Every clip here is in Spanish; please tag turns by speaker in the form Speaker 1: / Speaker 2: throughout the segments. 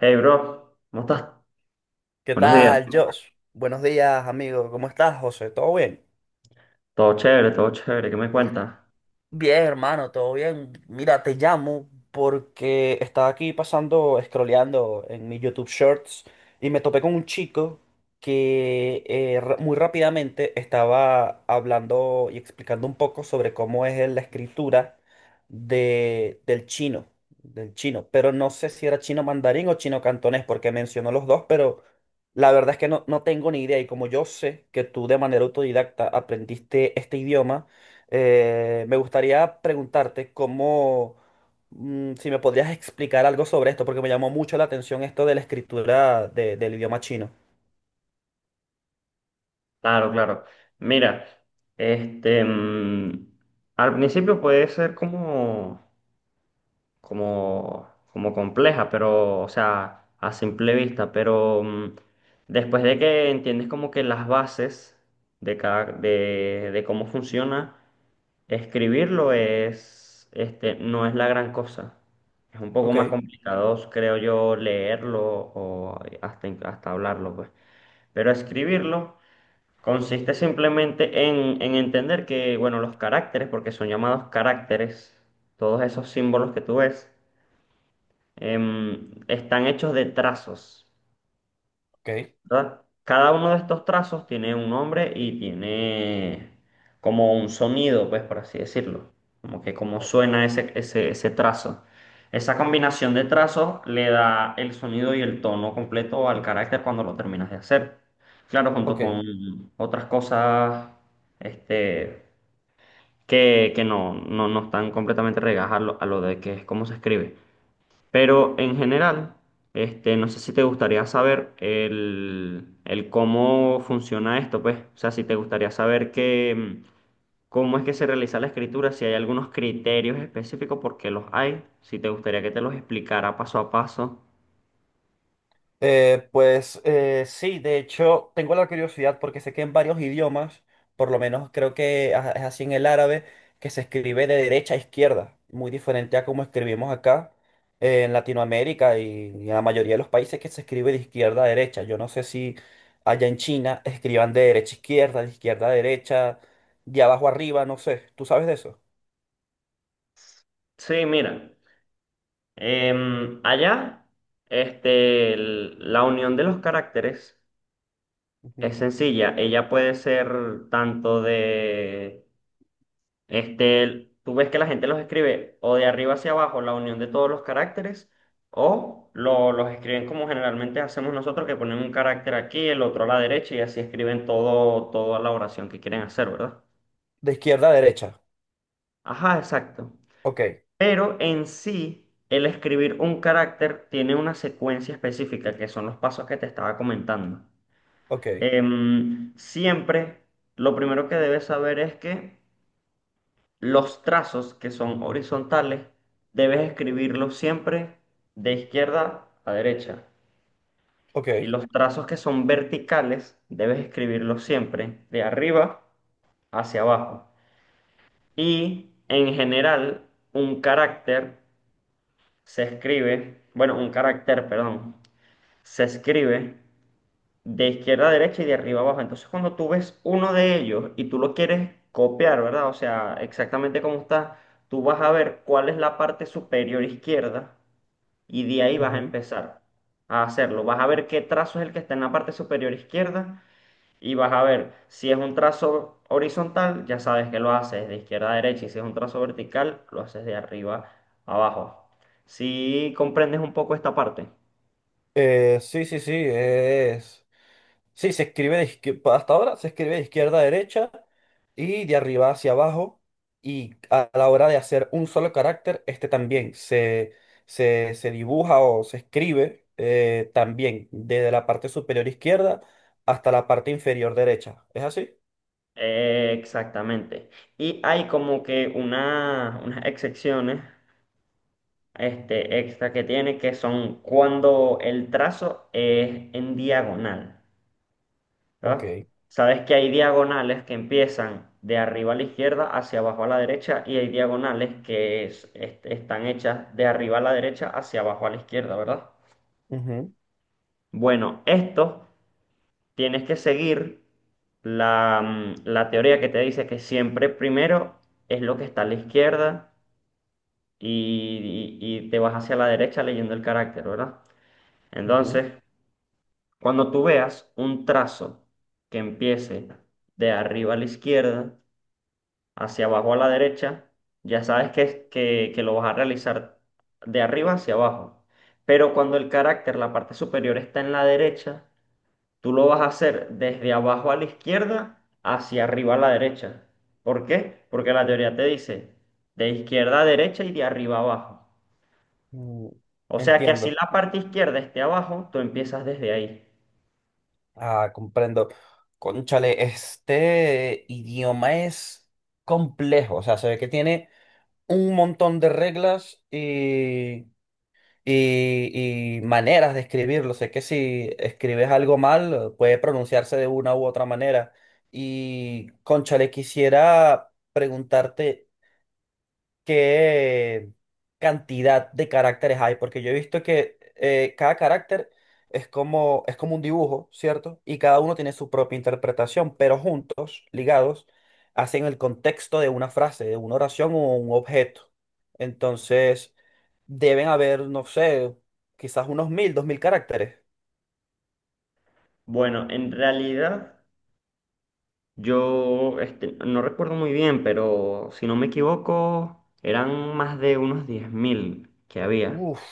Speaker 1: Hey, bro, ¿cómo estás?
Speaker 2: ¿Qué
Speaker 1: Buenos días.
Speaker 2: tal, Josh? Buenos días, amigo. ¿Cómo estás, José? ¿Todo bien?
Speaker 1: Todo chévere, todo chévere. ¿Qué me cuentas?
Speaker 2: Bien, hermano, todo bien. Mira, te llamo porque estaba aquí pasando, scrolleando en mi YouTube Shorts y me topé con un chico que muy rápidamente estaba hablando y explicando un poco sobre cómo es la escritura del chino, del chino. Pero no sé si era chino mandarín o chino cantonés porque mencionó los dos, pero la verdad es que no tengo ni idea. Y como yo sé que tú de manera autodidacta aprendiste este idioma, me gustaría preguntarte cómo, si me podrías explicar algo sobre esto, porque me llamó mucho la atención esto de la escritura del idioma chino.
Speaker 1: Claro, claro. Mira, este, mm, al principio puede ser como, como compleja, pero, o sea, a simple vista, después de que entiendes como que las bases de cómo funciona. Escribirlo es, no es la gran cosa. Es un poco
Speaker 2: Ok,
Speaker 1: más complicado, creo yo, leerlo o hasta hablarlo, pues. Pero escribirlo consiste simplemente en entender que, bueno, los caracteres, porque son llamados caracteres, todos esos símbolos que tú ves, están hechos de trazos.
Speaker 2: ok,
Speaker 1: ¿Verdad? Cada uno de estos trazos tiene un nombre y tiene como un sonido, pues por así decirlo, como que cómo suena ese trazo. Esa combinación de trazos le da el sonido y el tono completo al carácter cuando lo terminas de hacer. Claro, junto
Speaker 2: ok.
Speaker 1: con otras cosas, este, que no, no, no están completamente regadas a lo de que es cómo se escribe. Pero en general, no sé si te gustaría saber el cómo funciona esto, pues. O sea, si te gustaría saber que, cómo es que se realiza la escritura, si hay algunos criterios específicos, porque los hay. Si te gustaría que te los explicara paso a paso.
Speaker 2: Pues sí, de hecho tengo la curiosidad porque sé que en varios idiomas, por lo menos creo que es así en el árabe, que se escribe de derecha a izquierda, muy diferente a como escribimos acá en Latinoamérica y en la mayoría de los países que se escribe de izquierda a derecha. Yo no sé si allá en China escriban de derecha a izquierda, de izquierda a derecha, de abajo arriba, no sé, ¿tú sabes de eso?
Speaker 1: Sí, mira, allá la unión de los caracteres es
Speaker 2: Ujú.
Speaker 1: sencilla. Ella puede ser tanto de. Tú ves que la gente los escribe o de arriba hacia abajo, la unión de todos los caracteres, o los escriben como generalmente hacemos nosotros, que ponen un carácter aquí, el otro a la derecha y así escriben todo, toda la oración que quieren hacer, ¿verdad?
Speaker 2: De izquierda a derecha,
Speaker 1: Ajá, exacto.
Speaker 2: ok,
Speaker 1: Pero en sí, el escribir un carácter tiene una secuencia específica, que son los pasos que te estaba comentando.
Speaker 2: ok,
Speaker 1: Siempre, lo primero que debes saber es que los trazos que son horizontales debes escribirlos siempre de izquierda a derecha.
Speaker 2: ok.
Speaker 1: Y los trazos que son verticales debes escribirlos siempre de arriba hacia abajo. Y en general, un carácter se escribe, bueno, un carácter, perdón, se escribe de izquierda a derecha y de arriba a abajo. Entonces, cuando tú ves uno de ellos y tú lo quieres copiar, ¿verdad? O sea, exactamente como está, tú vas a ver cuál es la parte superior izquierda y de ahí vas a
Speaker 2: Ujú.
Speaker 1: empezar a hacerlo. Vas a ver qué trazo es el que está en la parte superior izquierda y vas a ver si es un trazo horizontal, ya sabes que lo haces de izquierda a derecha, y si es un trazo vertical, lo haces de arriba a abajo. Si comprendes un poco esta parte.
Speaker 2: Sí, sí, sí, es. Sí, se escribe de hasta ahora se escribe de izquierda a derecha y de arriba hacia abajo. Y a la hora de hacer un solo carácter, este también se dibuja o se escribe también desde la parte superior izquierda hasta la parte inferior derecha. ¿Es así?
Speaker 1: Exactamente. Y hay como que unas excepciones extra que tiene, que son cuando el trazo es en diagonal, ¿verdad?
Speaker 2: Ok.
Speaker 1: Sabes que hay diagonales que empiezan de arriba a la izquierda hacia abajo a la derecha, y hay diagonales que están hechas de arriba a la derecha hacia abajo a la izquierda, ¿verdad?
Speaker 2: Ujú,
Speaker 1: Bueno, estos tienes que seguir la, la teoría que te dice que siempre primero es lo que está a la izquierda, y te vas hacia la derecha leyendo el carácter, ¿verdad?
Speaker 2: ujú.
Speaker 1: Entonces, cuando tú veas un trazo que empiece de arriba a la izquierda hacia abajo a la derecha, ya sabes que, que lo vas a realizar de arriba hacia abajo. Pero cuando el carácter, la parte superior está en la derecha, tú lo vas a hacer desde abajo a la izquierda hacia arriba a la derecha. ¿Por qué? Porque la teoría te dice de izquierda a derecha y de arriba a abajo.
Speaker 2: Mm,
Speaker 1: O sea que así
Speaker 2: entiendo.
Speaker 1: la parte izquierda esté abajo, tú empiezas desde ahí.
Speaker 2: Ah, comprendo. Cónchale, este idioma es complejo. O sea, se ve que tiene un montón de reglas y, y maneras de escribirlo. Sé que si escribes algo mal, puede pronunciarse de una u otra manera. Y, cónchale, quisiera preguntarte qué cantidad de caracteres hay, porque yo he visto que cada carácter es como un dibujo, ¿cierto? Y cada uno tiene su propia interpretación, pero juntos, ligados, hacen el contexto de una frase, de una oración o un objeto. Entonces, deben haber, no sé, quizás unos mil, dos mil caracteres.
Speaker 1: Bueno, en realidad yo no recuerdo muy bien, pero si no me equivoco, eran más de unos 10.000 que había.
Speaker 2: Uf,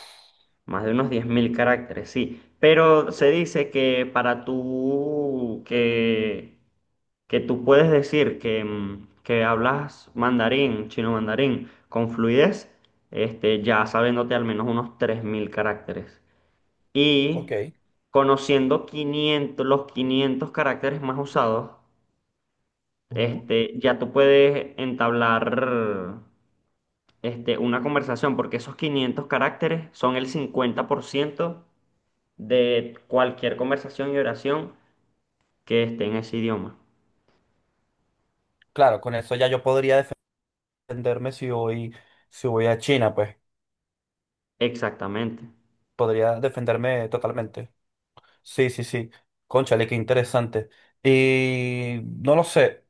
Speaker 1: Más de unos 10.000 caracteres, sí. Pero se
Speaker 2: wow,
Speaker 1: dice que, para tú que tú puedes decir que, que hablas mandarín, chino mandarín, con fluidez, ya sabiéndote al menos unos 3.000 caracteres.
Speaker 2: ok.
Speaker 1: Y conociendo 500 los 500 caracteres más usados,
Speaker 2: Ujú.
Speaker 1: ya tú puedes entablar, una conversación, porque esos 500 caracteres son el 50% de cualquier conversación y oración que esté en ese idioma.
Speaker 2: Claro, con eso ya yo podría defenderme si voy, si voy a China, pues
Speaker 1: Exactamente.
Speaker 2: podría defenderme totalmente. Sí, sí, sí. Cónchale, qué interesante. Y no lo sé,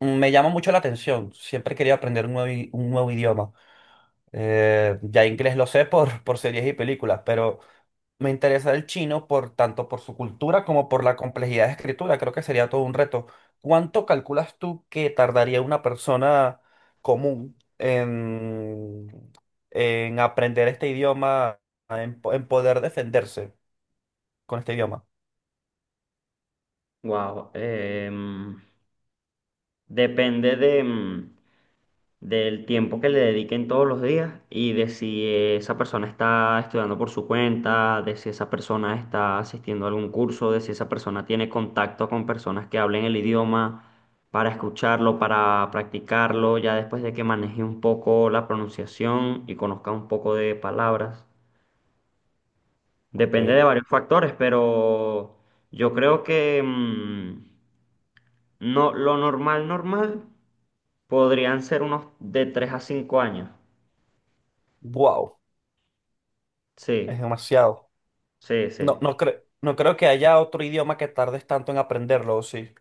Speaker 2: me llama mucho la atención. Siempre quería aprender un nuevo, un nuevo idioma. Ya inglés lo sé por, por series y películas, pero me interesa el chino por tanto por su cultura como por la complejidad de escritura. Creo que sería todo un reto. ¿Cuánto calculas tú que tardaría una persona común en aprender este idioma, en, en poder defenderse con este idioma?
Speaker 1: Wow. Depende de, del tiempo que le dediquen todos los días, y de si esa persona está estudiando por su cuenta, de si esa persona está asistiendo a algún curso, de si esa persona tiene contacto con personas que hablen el idioma para escucharlo, para practicarlo, ya después de que maneje un poco la pronunciación y conozca un poco de palabras. Depende de
Speaker 2: Ok.
Speaker 1: varios factores, pero yo creo que, no, lo normal, normal. Podrían ser unos de 3 a 5 años.
Speaker 2: Wow. Es
Speaker 1: Sí,
Speaker 2: demasiado.
Speaker 1: sí,
Speaker 2: No,
Speaker 1: sí.
Speaker 2: no creo, no creo que haya otro idioma que tardes tanto en aprenderlo, ¿o sí?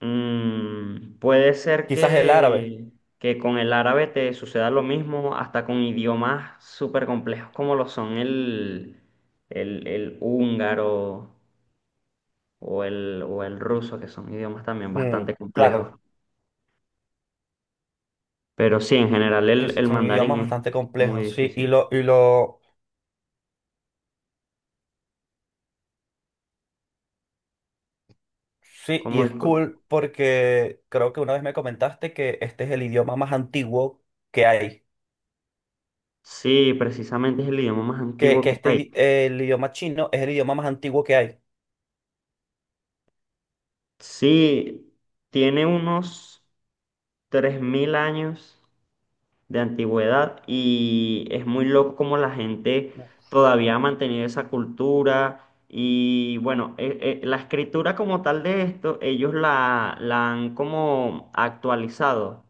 Speaker 1: Puede ser
Speaker 2: Quizás el árabe.
Speaker 1: que, con el árabe te suceda lo mismo, hasta con idiomas súper complejos como lo son el, el húngaro o o el ruso, que son idiomas también
Speaker 2: Mm,
Speaker 1: bastante
Speaker 2: claro,
Speaker 1: complejos. Pero sí, en general
Speaker 2: que
Speaker 1: el
Speaker 2: son
Speaker 1: mandarín
Speaker 2: idiomas
Speaker 1: es
Speaker 2: bastante
Speaker 1: muy
Speaker 2: complejos, sí. Y
Speaker 1: difícil.
Speaker 2: lo, sí, y
Speaker 1: ¿Cómo,
Speaker 2: es
Speaker 1: disculpa?
Speaker 2: cool porque creo que una vez me comentaste que este es el idioma más antiguo que hay.
Speaker 1: Sí, precisamente es el idioma más antiguo
Speaker 2: Que
Speaker 1: que
Speaker 2: este,
Speaker 1: hay.
Speaker 2: el idioma chino es el idioma más antiguo que hay.
Speaker 1: Sí, tiene unos 3.000 años de antigüedad, y es muy loco como la gente todavía ha mantenido esa cultura y, bueno, la escritura como tal de esto, ellos la han como actualizado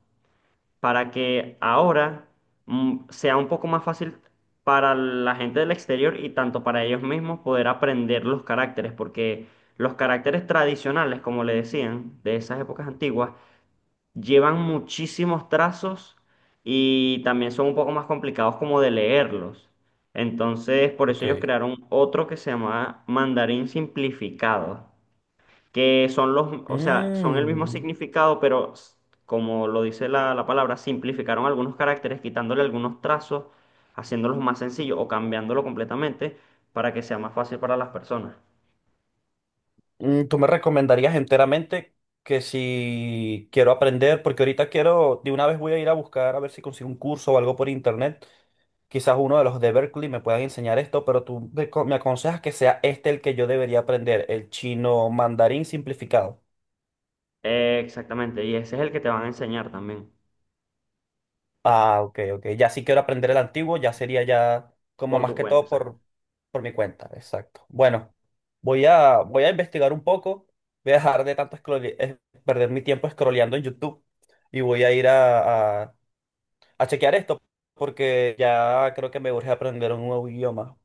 Speaker 1: para que ahora, sea un poco más fácil para la gente del exterior y tanto para ellos mismos, poder aprender los caracteres, porque los caracteres tradicionales, como le decían, de esas épocas antiguas, llevan muchísimos trazos y también son un poco más complicados como de leerlos. Entonces, por eso
Speaker 2: Ok.
Speaker 1: ellos crearon otro que se llama mandarín simplificado, que son los, o sea, son el mismo
Speaker 2: Mm,
Speaker 1: significado, pero como lo dice la palabra, simplificaron algunos caracteres, quitándole algunos trazos, haciéndolos más sencillos o cambiándolo completamente para que sea más fácil para las personas.
Speaker 2: mm, ¿tú me recomendarías enteramente que si quiero aprender, porque ahorita quiero, de una vez voy a ir a buscar a ver si consigo un curso o algo por internet, quizás uno de los de Berkeley me puedan enseñar esto, pero tú me aconsejas que sea este el que yo debería aprender, el chino mandarín simplificado?
Speaker 1: Exactamente, y ese es el que te van a enseñar también
Speaker 2: Ah, ok, ok. Ya si quiero aprender el antiguo, ya sería ya como
Speaker 1: por
Speaker 2: más
Speaker 1: tu
Speaker 2: que
Speaker 1: cuenta.
Speaker 2: todo por mi cuenta. Exacto. Bueno, voy a, voy a investigar un poco. Voy a dejar de tanto perder mi tiempo scrolleando en YouTube y voy a ir a chequear esto porque ya creo que me urge aprender un nuevo idioma.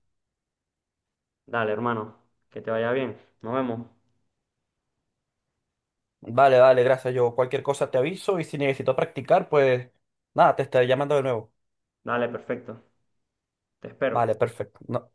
Speaker 1: Dale, hermano, que te vaya bien. Nos vemos.
Speaker 2: Vale, vale, gracias. Yo cualquier cosa te aviso y si necesito practicar, pues nada, te estaré llamando de nuevo.
Speaker 1: Dale, perfecto. Te espero.
Speaker 2: Vale, perfecto. No-